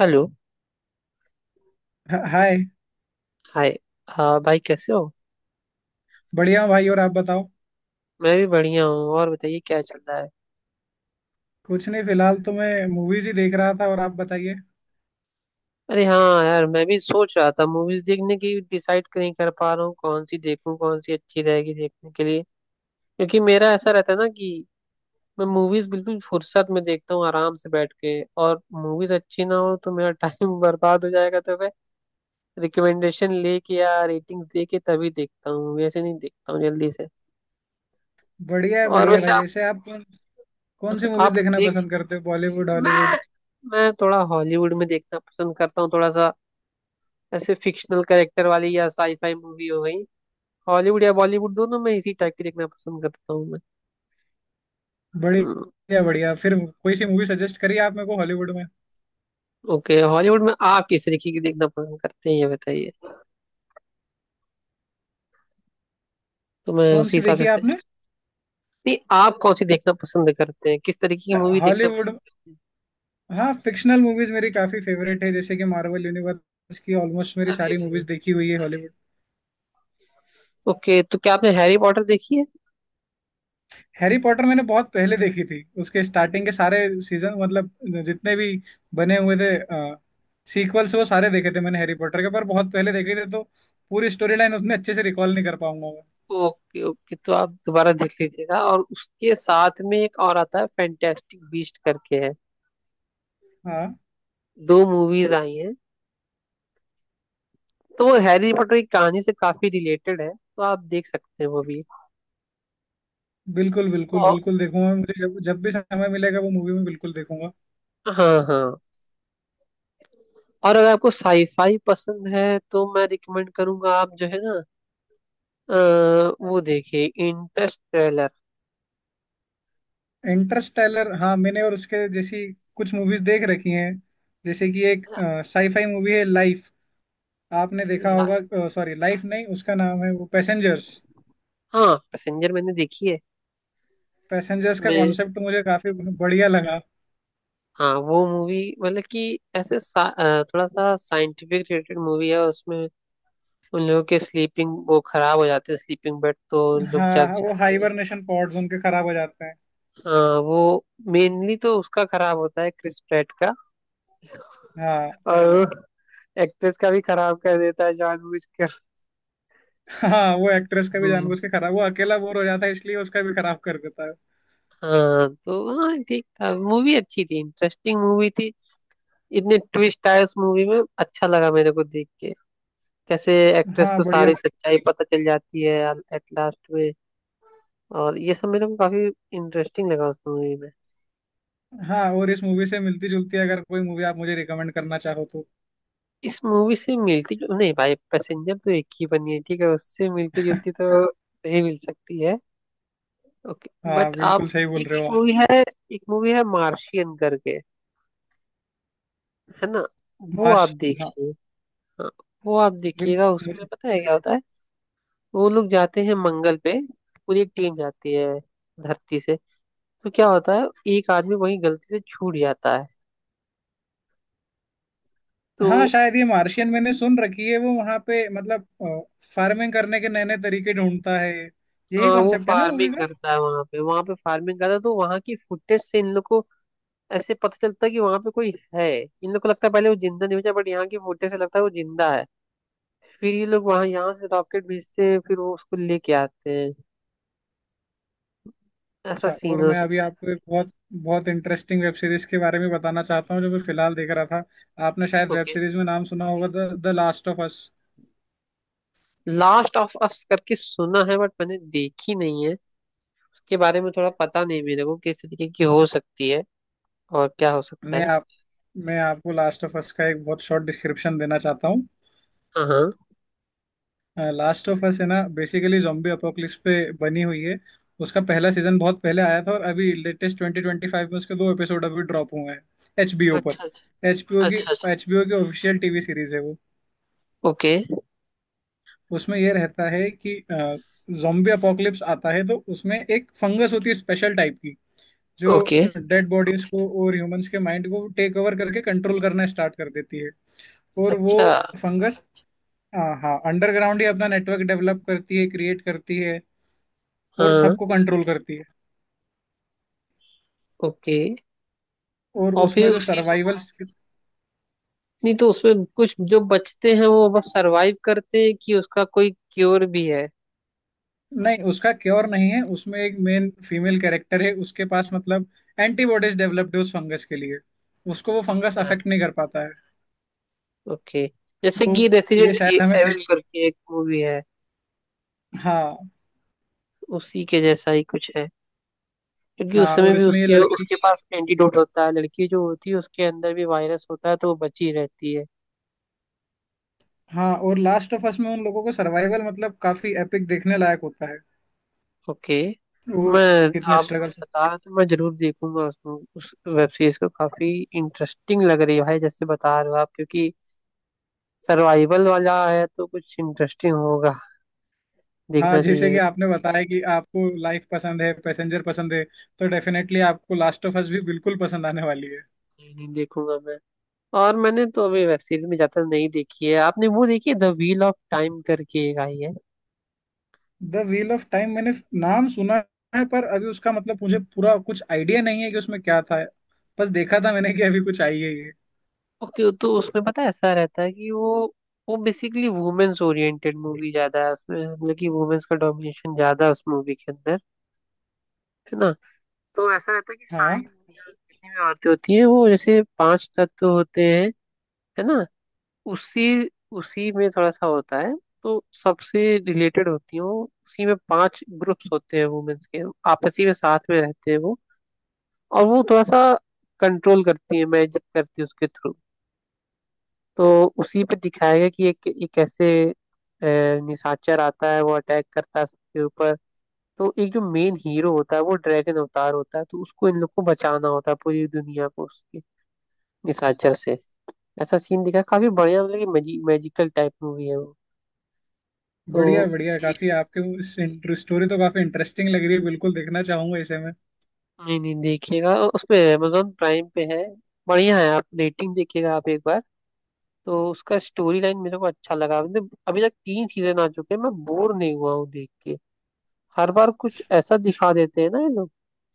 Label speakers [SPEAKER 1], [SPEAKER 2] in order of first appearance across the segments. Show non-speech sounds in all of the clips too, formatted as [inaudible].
[SPEAKER 1] Hello.
[SPEAKER 2] हाय।
[SPEAKER 1] Hi. हाँ भाई, कैसे हो?
[SPEAKER 2] बढ़िया हूँ भाई, और आप बताओ।
[SPEAKER 1] मैं भी बढ़िया हूँ। और बताइए, क्या चल रहा है?
[SPEAKER 2] कुछ नहीं, फिलहाल तो मैं मूवीज ही देख रहा था, और आप बताइए।
[SPEAKER 1] अरे हाँ यार, मैं भी सोच रहा था मूवीज देखने की। डिसाइड नहीं कर पा रहा हूँ कौन सी देखूँ, कौन सी अच्छी रहेगी देखने के लिए। क्योंकि मेरा ऐसा रहता है ना कि मैं मूवीज बिल्कुल फुर्सत में देखता हूँ, आराम से बैठ के। और मूवीज अच्छी ना हो तो मेरा टाइम [laughs] बर्बाद हो जाएगा, तो मैं रिकमेंडेशन लेके या रेटिंग्स लेके तभी देखता हूँ, वैसे नहीं देखता हूँ जल्दी से।
[SPEAKER 2] बढ़िया है,
[SPEAKER 1] और
[SPEAKER 2] बढ़िया है
[SPEAKER 1] वैसे
[SPEAKER 2] भाई। वैसे आप कौन कौन सी मूवीज
[SPEAKER 1] आप
[SPEAKER 2] देखना
[SPEAKER 1] देख
[SPEAKER 2] पसंद करते हो, बॉलीवुड हॉलीवुड?
[SPEAKER 1] मैं मैं थोड़ा हॉलीवुड में देखना पसंद करता हूँ, थोड़ा सा। ऐसे फिक्शनल कैरेक्टर वाली या साईफाई मूवी हो गई। हॉलीवुड या बॉलीवुड दोनों में इसी टाइप की देखना पसंद करता हूँ मैं। हम्म,
[SPEAKER 2] बढ़िया बढ़िया। फिर कोई सी मूवी सजेस्ट करिए आप मेरे को हॉलीवुड में।
[SPEAKER 1] ओके, हॉलीवुड में आप किस तरीके की देखना पसंद करते हैं ये बताइए, तो मैं
[SPEAKER 2] कौन
[SPEAKER 1] उसी
[SPEAKER 2] सी
[SPEAKER 1] हिसाब से
[SPEAKER 2] देखी है आपने?
[SPEAKER 1] सजेस्ट। नहीं, आप कौन सी देखना पसंद करते हैं, किस तरीके की मूवी देखना पसंद
[SPEAKER 2] हॉलीवुड,
[SPEAKER 1] करते हैं?
[SPEAKER 2] हाँ। फिक्शनल मूवीज मेरी काफी फेवरेट है, जैसे कि मार्वल यूनिवर्स की ऑलमोस्ट मेरी
[SPEAKER 1] अरे
[SPEAKER 2] सारी मूवीज
[SPEAKER 1] भाई।
[SPEAKER 2] देखी हुई है हॉलीवुड।
[SPEAKER 1] ओके, तो क्या आपने हैरी पॉटर देखी है?
[SPEAKER 2] हैरी पॉटर मैंने बहुत पहले देखी थी, उसके स्टार्टिंग के सारे सीजन, मतलब जितने भी बने हुए थे सीक्वल्स, वो सारे देखे थे मैंने हैरी पॉटर के, पर बहुत पहले देखे थे, तो पूरी स्टोरी लाइन उतने अच्छे से रिकॉल नहीं कर पाऊंगा मैं।
[SPEAKER 1] ओके ओके, तो आप दोबारा देख लीजिएगा। और उसके साथ में एक और आता है, फैंटेस्टिक बीस्ट करके है।
[SPEAKER 2] हाँ,
[SPEAKER 1] दो मूवीज आई हैं, तो वो हैरी पॉटर की कहानी से काफी रिलेटेड है, तो आप देख सकते हैं वो भी।
[SPEAKER 2] बिल्कुल बिल्कुल
[SPEAKER 1] और
[SPEAKER 2] बिल्कुल देखूंगा, मुझे जब जब भी समय मिलेगा वो मूवी में बिल्कुल देखूंगा।
[SPEAKER 1] हाँ हाँ, और अगर आपको साईफाई पसंद है तो मैं रिकमेंड करूंगा आप, जो है ना, अ, वो देखिए इंटरस्टेलर।
[SPEAKER 2] इंटरस्टेलर, हाँ, मैंने और उसके जैसी कुछ मूवीज देख रखी हैं। जैसे कि एक साईफाई मूवी है लाइफ, आपने देखा होगा, सॉरी लाइफ नहीं, उसका नाम है वो पैसेंजर्स।
[SPEAKER 1] हाँ पैसेंजर मैंने देखी है।
[SPEAKER 2] पैसेंजर्स का
[SPEAKER 1] उसमें,
[SPEAKER 2] कॉन्सेप्ट मुझे काफी बढ़िया लगा।
[SPEAKER 1] हाँ, वो मूवी मतलब कि ऐसे थोड़ा सा साइंटिफिक रिलेटेड मूवी है। उसमें उन लोगों के स्लीपिंग वो खराब हो जाते हैं, स्लीपिंग बेड, तो उन लोग जग
[SPEAKER 2] हाँ, वो
[SPEAKER 1] जाते हैं।
[SPEAKER 2] हाइबरनेशन पॉड्स उनके खराब हो जाते हैं।
[SPEAKER 1] हाँ वो, मेनली तो उसका खराब होता है क्रिस प्रेट का,
[SPEAKER 2] हाँ
[SPEAKER 1] और एक्ट्रेस का भी खराब कर देता है जानबूझकर।
[SPEAKER 2] हाँ, वो एक्ट्रेस का भी
[SPEAKER 1] हम्म,
[SPEAKER 2] जानबूझ के खराब, वो अकेला बोर हो जाता है इसलिए उसका भी खराब कर देता है।
[SPEAKER 1] हाँ तो, हाँ ठीक था, मूवी अच्छी थी, इंटरेस्टिंग मूवी थी। इतने ट्विस्ट आए उस मूवी में, अच्छा लगा मेरे को देख के। कैसे एक्ट्रेस
[SPEAKER 2] हाँ,
[SPEAKER 1] को
[SPEAKER 2] बढ़िया।
[SPEAKER 1] सारी सच्चाई पता चल जाती है एट लास्ट में, और ये सब मेरे को काफी इंटरेस्टिंग लगा उस मूवी में।
[SPEAKER 2] हाँ, और इस मूवी से मिलती जुलती अगर कोई मूवी आप मुझे रिकमेंड करना चाहो तो।
[SPEAKER 1] इस मूवी से मिलती जुल नहीं भाई, पैसेंजर तो एक ही बनी है, ठीक है, उससे मिलती जुलती तो नहीं मिल सकती है। ओके।
[SPEAKER 2] हाँ,
[SPEAKER 1] बट आप
[SPEAKER 2] बिल्कुल सही बोल
[SPEAKER 1] एक
[SPEAKER 2] रहे हो आप।
[SPEAKER 1] एक मूवी है मार्शियन करके, है ना, वो आप
[SPEAKER 2] मार्श हाँ।
[SPEAKER 1] देखिए। हाँ वो आप
[SPEAKER 2] बिल-
[SPEAKER 1] देखिएगा। उसमें
[SPEAKER 2] मुझे
[SPEAKER 1] पता है क्या होता है, वो लोग जाते हैं मंगल पे, पूरी एक टीम जाती है धरती से। तो क्या होता है, एक आदमी वहीं गलती से छूट जाता है तो।
[SPEAKER 2] हाँ, शायद ये मार्शियन मैंने सुन रखी है, वो वहां पे मतलब फार्मिंग करने के नए नए तरीके ढूंढता है। यही
[SPEAKER 1] हाँ वो
[SPEAKER 2] कॉन्सेप्ट है ना मूवी
[SPEAKER 1] फार्मिंग
[SPEAKER 2] का?
[SPEAKER 1] करता है, वहां पे फार्मिंग करता है। तो वहां की फुटेज से इन लोग को ऐसे पता चलता है कि वहां पे कोई है। इन लोग को लगता है पहले वो जिंदा नहीं बचा, बट यहाँ की फुटेज से लगता है वो जिंदा है। फिर ये लोग वहां, यहाँ से रॉकेट भेजते हैं, फिर वो उसको लेके आते हैं। ऐसा
[SPEAKER 2] अच्छा, और
[SPEAKER 1] सीन है।
[SPEAKER 2] मैं अभी आपको एक बहुत बहुत इंटरेस्टिंग वेब सीरीज के बारे में बताना चाहता हूँ जो मैं फिलहाल देख रहा था। आपने शायद वेब
[SPEAKER 1] ओके,
[SPEAKER 2] सीरीज में नाम सुना होगा, the the last of us.
[SPEAKER 1] Last of us करके सुना है, बट मैंने देखी नहीं है। उसके बारे में थोड़ा पता नहीं मेरे को किस तरीके की हो सकती है और क्या हो सकता
[SPEAKER 2] मैं
[SPEAKER 1] है।
[SPEAKER 2] आप मैं आपको लास्ट ऑफ अस का एक बहुत शॉर्ट डिस्क्रिप्शन देना चाहता हूँ।
[SPEAKER 1] हाँ हाँ।
[SPEAKER 2] लास्ट ऑफ अस है ना बेसिकली zombie अपोकलिप्स पे बनी हुई है। उसका पहला सीजन बहुत पहले आया था, और अभी लेटेस्ट 2025 में उसके दो एपिसोड अभी ड्रॉप हुए हैं एचबीओ पर।
[SPEAKER 1] अच्छा अच्छा।
[SPEAKER 2] एचबीओ की
[SPEAKER 1] अच्छा अच्छा।
[SPEAKER 2] एचबीओ की ऑफिशियल टीवी सीरीज है वो।
[SPEAKER 1] ओके
[SPEAKER 2] उसमें ये रहता है कि जोम्बी अपोकलिप्स आता है, तो उसमें एक फंगस होती है स्पेशल टाइप की, जो
[SPEAKER 1] ओके।
[SPEAKER 2] डेड बॉडीज को और ह्यूमंस के माइंड को टेक ओवर करके कंट्रोल करना स्टार्ट कर देती है। और वो
[SPEAKER 1] अच्छा।
[SPEAKER 2] फंगस, हाँ हाँ, अंडरग्राउंड ही अपना नेटवर्क डेवलप करती है, क्रिएट करती है, और
[SPEAKER 1] हाँ।
[SPEAKER 2] सबको कंट्रोल करती है।
[SPEAKER 1] ओके।
[SPEAKER 2] और
[SPEAKER 1] और फिर
[SPEAKER 2] उसमें जो
[SPEAKER 1] उसी में
[SPEAKER 2] सर्वाइवल,
[SPEAKER 1] नहीं तो, उसमें कुछ जो बचते हैं वो बस सरवाइव करते हैं, कि उसका कोई क्योर भी है?
[SPEAKER 2] नहीं, उसका क्योर नहीं है। उसमें एक मेन फीमेल कैरेक्टर है, उसके पास मतलब एंटीबॉडीज डेवलप्ड है उस फंगस के लिए, उसको वो फंगस
[SPEAKER 1] अच्छा
[SPEAKER 2] अफेक्ट नहीं
[SPEAKER 1] अच्छा।
[SPEAKER 2] कर पाता है।
[SPEAKER 1] ओके, जैसे कि
[SPEAKER 2] तो ये
[SPEAKER 1] रेसिडेंट
[SPEAKER 2] शायद हमें सीज...
[SPEAKER 1] एविल करके एक मूवी है,
[SPEAKER 2] हाँ।
[SPEAKER 1] उसी के जैसा ही कुछ है। क्योंकि उस
[SPEAKER 2] हाँ,
[SPEAKER 1] समय
[SPEAKER 2] और
[SPEAKER 1] भी
[SPEAKER 2] इसमें ये
[SPEAKER 1] उसके
[SPEAKER 2] लड़की,
[SPEAKER 1] उसके पास एंटीडोट होता है, लड़की जो होती है उसके अंदर भी वायरस होता है तो वो बची रहती है।
[SPEAKER 2] हाँ, और लास्ट ऑफ अस में उन लोगों को सर्वाइवल मतलब काफी एपिक देखने लायक होता है,
[SPEAKER 1] ओके।
[SPEAKER 2] वो
[SPEAKER 1] मैं
[SPEAKER 2] कितने
[SPEAKER 1] आप
[SPEAKER 2] स्ट्रगल से।
[SPEAKER 1] बता रहे हो तो मैं जरूर देखूंगा उस वेब सीरीज को। काफी इंटरेस्टिंग लग रही है भाई जैसे बता रहे हो आप, क्योंकि सर्वाइवल वाला है तो कुछ इंटरेस्टिंग होगा,
[SPEAKER 2] हाँ,
[SPEAKER 1] देखना
[SPEAKER 2] जैसे कि
[SPEAKER 1] चाहिए।
[SPEAKER 2] आपने बताया कि आपको लाइफ पसंद है, पैसेंजर पसंद है, तो डेफिनेटली आपको लास्ट ऑफ अस भी बिल्कुल पसंद आने वाली है।
[SPEAKER 1] नहीं, नहीं, देखूंगा मैं। और मैंने तो अभी वेब सीरीज में ज्यादा नहीं देखी है। आपने वो देखी है, द व्हील ऑफ टाइम करके एक आई है?
[SPEAKER 2] द व्हील ऑफ टाइम, मैंने नाम सुना है, पर अभी उसका मतलब मुझे पूरा कुछ आइडिया नहीं है कि उसमें क्या था, बस देखा था मैंने कि अभी कुछ आई है ये।
[SPEAKER 1] ओके, तो उसमें पता है ऐसा रहता है कि वो बेसिकली वुमेन्स ओरिएंटेड मूवी ज्यादा है। उसमें मतलब कि वुमेन्स का डोमिनेशन ज्यादा है उस मूवी के अंदर, है ना। तो ऐसा रहता है कि
[SPEAKER 2] हाँ,
[SPEAKER 1] सारी women, जितनी भी औरतें होती हैं वो, जैसे 5 तत्व होते हैं, है ना, उसी उसी में थोड़ा सा होता है। तो सबसे रिलेटेड होती हैं वो, उसी में 5 ग्रुप्स होते हैं वुमेन्स के, आपसी में साथ में रहते हैं वो। और वो थोड़ा सा कंट्रोल करती है, मैजिक करती है उसके थ्रू। तो उसी पे दिखाया गया कि एक एक कैसे निशाचर आता है, वो अटैक करता है सबके ऊपर। तो एक जो मेन हीरो होता है वो ड्रैगन अवतार होता है, तो उसको इन लोग को बचाना होता है पूरी दुनिया को उसके निशाचर से। ऐसा सीन दिखा, काफी बढ़िया, मतलब कि मैजिकल टाइप मूवी है वो। तो
[SPEAKER 2] बढ़िया बढ़िया, काफी आपके वो स्टोरी तो काफी इंटरेस्टिंग लग रही है, बिल्कुल देखना चाहूंगा इसे मैं।
[SPEAKER 1] नहीं नहीं, देखिएगा उसपे, अमेजोन प्राइम पे है। बढ़िया है, आप रेटिंग देखिएगा आप एक बार। तो उसका स्टोरी लाइन मेरे को अच्छा लगा। मतलब अभी तक 3 सीजन आ चुके हैं, मैं बोर नहीं हुआ हूँ देख के। हर बार कुछ ऐसा दिखा देते हैं ना ये लोग,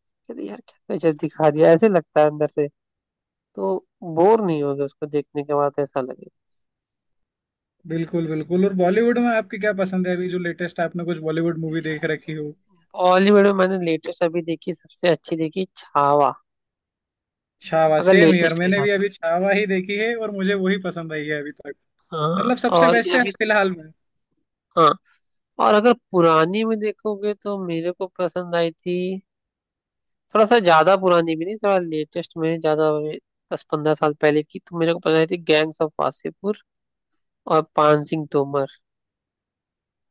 [SPEAKER 1] कहते यार क्या गजब दिखा दिया, ऐसे लगता है अंदर से। तो बोर नहीं होगा उसको देखने के बाद ऐसा लगे।
[SPEAKER 2] बिल्कुल बिल्कुल, और बॉलीवुड में आपकी क्या पसंद है, अभी जो लेटेस्ट आपने कुछ बॉलीवुड मूवी देख रखी हो?
[SPEAKER 1] बॉलीवुड में मैंने लेटेस्ट अभी देखी सबसे अच्छी, देखी छावा।
[SPEAKER 2] छावा,
[SPEAKER 1] अगर
[SPEAKER 2] सेम यार,
[SPEAKER 1] लेटेस्ट के
[SPEAKER 2] मैंने
[SPEAKER 1] साथ,
[SPEAKER 2] भी अभी छावा ही देखी है और मुझे वही पसंद आई है अभी तक,
[SPEAKER 1] हाँ,
[SPEAKER 2] मतलब सबसे
[SPEAKER 1] और
[SPEAKER 2] बेस्ट
[SPEAKER 1] ये
[SPEAKER 2] है
[SPEAKER 1] भी।
[SPEAKER 2] फिलहाल में।
[SPEAKER 1] हाँ, और अगर पुरानी में देखोगे तो मेरे को पसंद आई थी, थोड़ा सा ज्यादा पुरानी भी नहीं, थोड़ा लेटेस्ट में ज्यादा। 10-15 साल पहले की, तो मेरे को पता थी गैंग्स ऑफ वासेपुर और पान सिंह तोमर।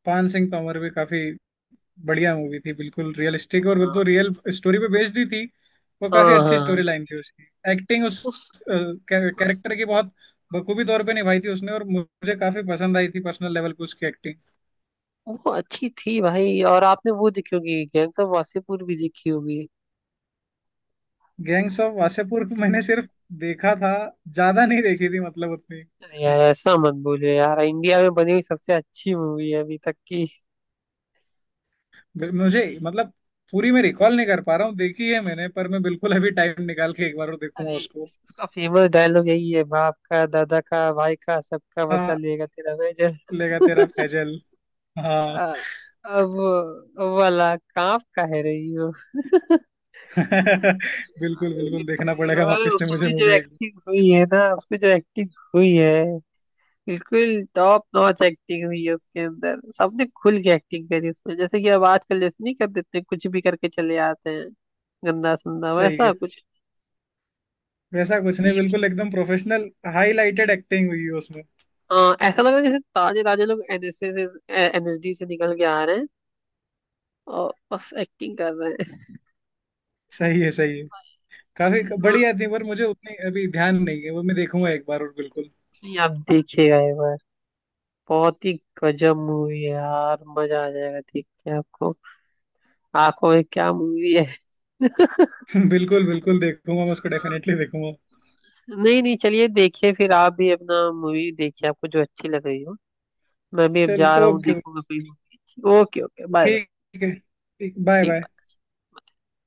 [SPEAKER 2] पान सिंह तोमर भी काफी बढ़िया मूवी थी, बिल्कुल रियलिस्टिक, और वो तो
[SPEAKER 1] हाँ
[SPEAKER 2] रियल स्टोरी पे बेस्ड ही थी, वो काफी
[SPEAKER 1] हाँ, हाँ,
[SPEAKER 2] अच्छी स्टोरी
[SPEAKER 1] हाँ,
[SPEAKER 2] लाइन थी उसकी। एक्टिंग उस
[SPEAKER 1] उस
[SPEAKER 2] कैरेक्टर की बहुत बखूबी तौर पे निभाई थी उसने, और मुझे काफी पसंद आई थी पर्सनल लेवल पे उसकी एक्टिंग।
[SPEAKER 1] वो अच्छी थी भाई। और आपने वो देखी होगी, गैंग्स ऑफ वासेपुर भी देखी होगी?
[SPEAKER 2] गैंग्स ऑफ वासेपुर को मैंने सिर्फ देखा था, ज्यादा नहीं देखी थी मतलब उतनी।
[SPEAKER 1] अरे यार, ऐसा मत बोलो यार, इंडिया में बनी हुई सबसे अच्छी मूवी है अभी तक की।
[SPEAKER 2] मुझे मतलब पूरी मैं रिकॉल नहीं कर पा रहा हूँ, देखी है मैंने, पर मैं बिल्कुल अभी टाइम निकाल के एक बार और देखूंगा
[SPEAKER 1] अरे
[SPEAKER 2] उसको।
[SPEAKER 1] इसका फेमस डायलॉग यही है, बाप का दादा का भाई का सबका बदला
[SPEAKER 2] हाँ,
[SPEAKER 1] लेगा तेरा, मैं जब।
[SPEAKER 2] लेगा तेरा फैजल, हाँ।
[SPEAKER 1] अब वो वाला कांप का है रही।
[SPEAKER 2] [laughs] बिल्कुल बिल्कुल, देखना पड़ेगा
[SPEAKER 1] लिटरली,
[SPEAKER 2] वापस से मुझे
[SPEAKER 1] उसमें जो
[SPEAKER 2] मूवी।
[SPEAKER 1] एक्टिंग हुई है ना, उसमें जो एक्टिंग हुई है, बिल्कुल टॉप नॉच एक्टिंग हुई है उसके अंदर। सबने खुल के एक्टिंग करी उसमें, जैसे कि अब आजकल जैसे नहीं, कर देते कुछ भी करके चले आते हैं, गंदा संदा,
[SPEAKER 2] सही
[SPEAKER 1] वैसा
[SPEAKER 2] है।
[SPEAKER 1] कुछ।
[SPEAKER 2] वैसा कुछ नहीं,
[SPEAKER 1] ये-
[SPEAKER 2] बिल्कुल एकदम प्रोफेशनल हाईलाइटेड एक्टिंग हुई है उसमें।
[SPEAKER 1] हाँ, ऐसा लग रहा है जैसे ताजे ताजे लोग NSS NSD से निकल के आ रहे हैं और बस एक्टिंग कर रहे हैं।
[SPEAKER 2] सही है, सही है, काफी बढ़िया थी, पर मुझे उतनी अभी ध्यान नहीं है, वो मैं देखूंगा एक बार और बिल्कुल।
[SPEAKER 1] नहीं, आप देखिएगा एक बार, बहुत ही गजब मूवी है यार, मजा आ जाएगा देख के आपको। आंखों में क्या मूवी है।
[SPEAKER 2] [laughs] बिल्कुल बिल्कुल देखूंगा मैं उसको, डेफिनेटली देखूंगा।
[SPEAKER 1] नहीं नहीं, चलिए, देखिए फिर आप भी अपना मूवी देखिए, आपको जो अच्छी लग रही हो। मैं भी अब जा रहा
[SPEAKER 2] चलिए,
[SPEAKER 1] हूँ,
[SPEAKER 2] ओके,
[SPEAKER 1] देखूंगा कोई मूवी अच्छी। Okay okay, bye bye.
[SPEAKER 2] ठीक है, ठीक, बाय
[SPEAKER 1] ठीक
[SPEAKER 2] बाय।
[SPEAKER 1] बाय।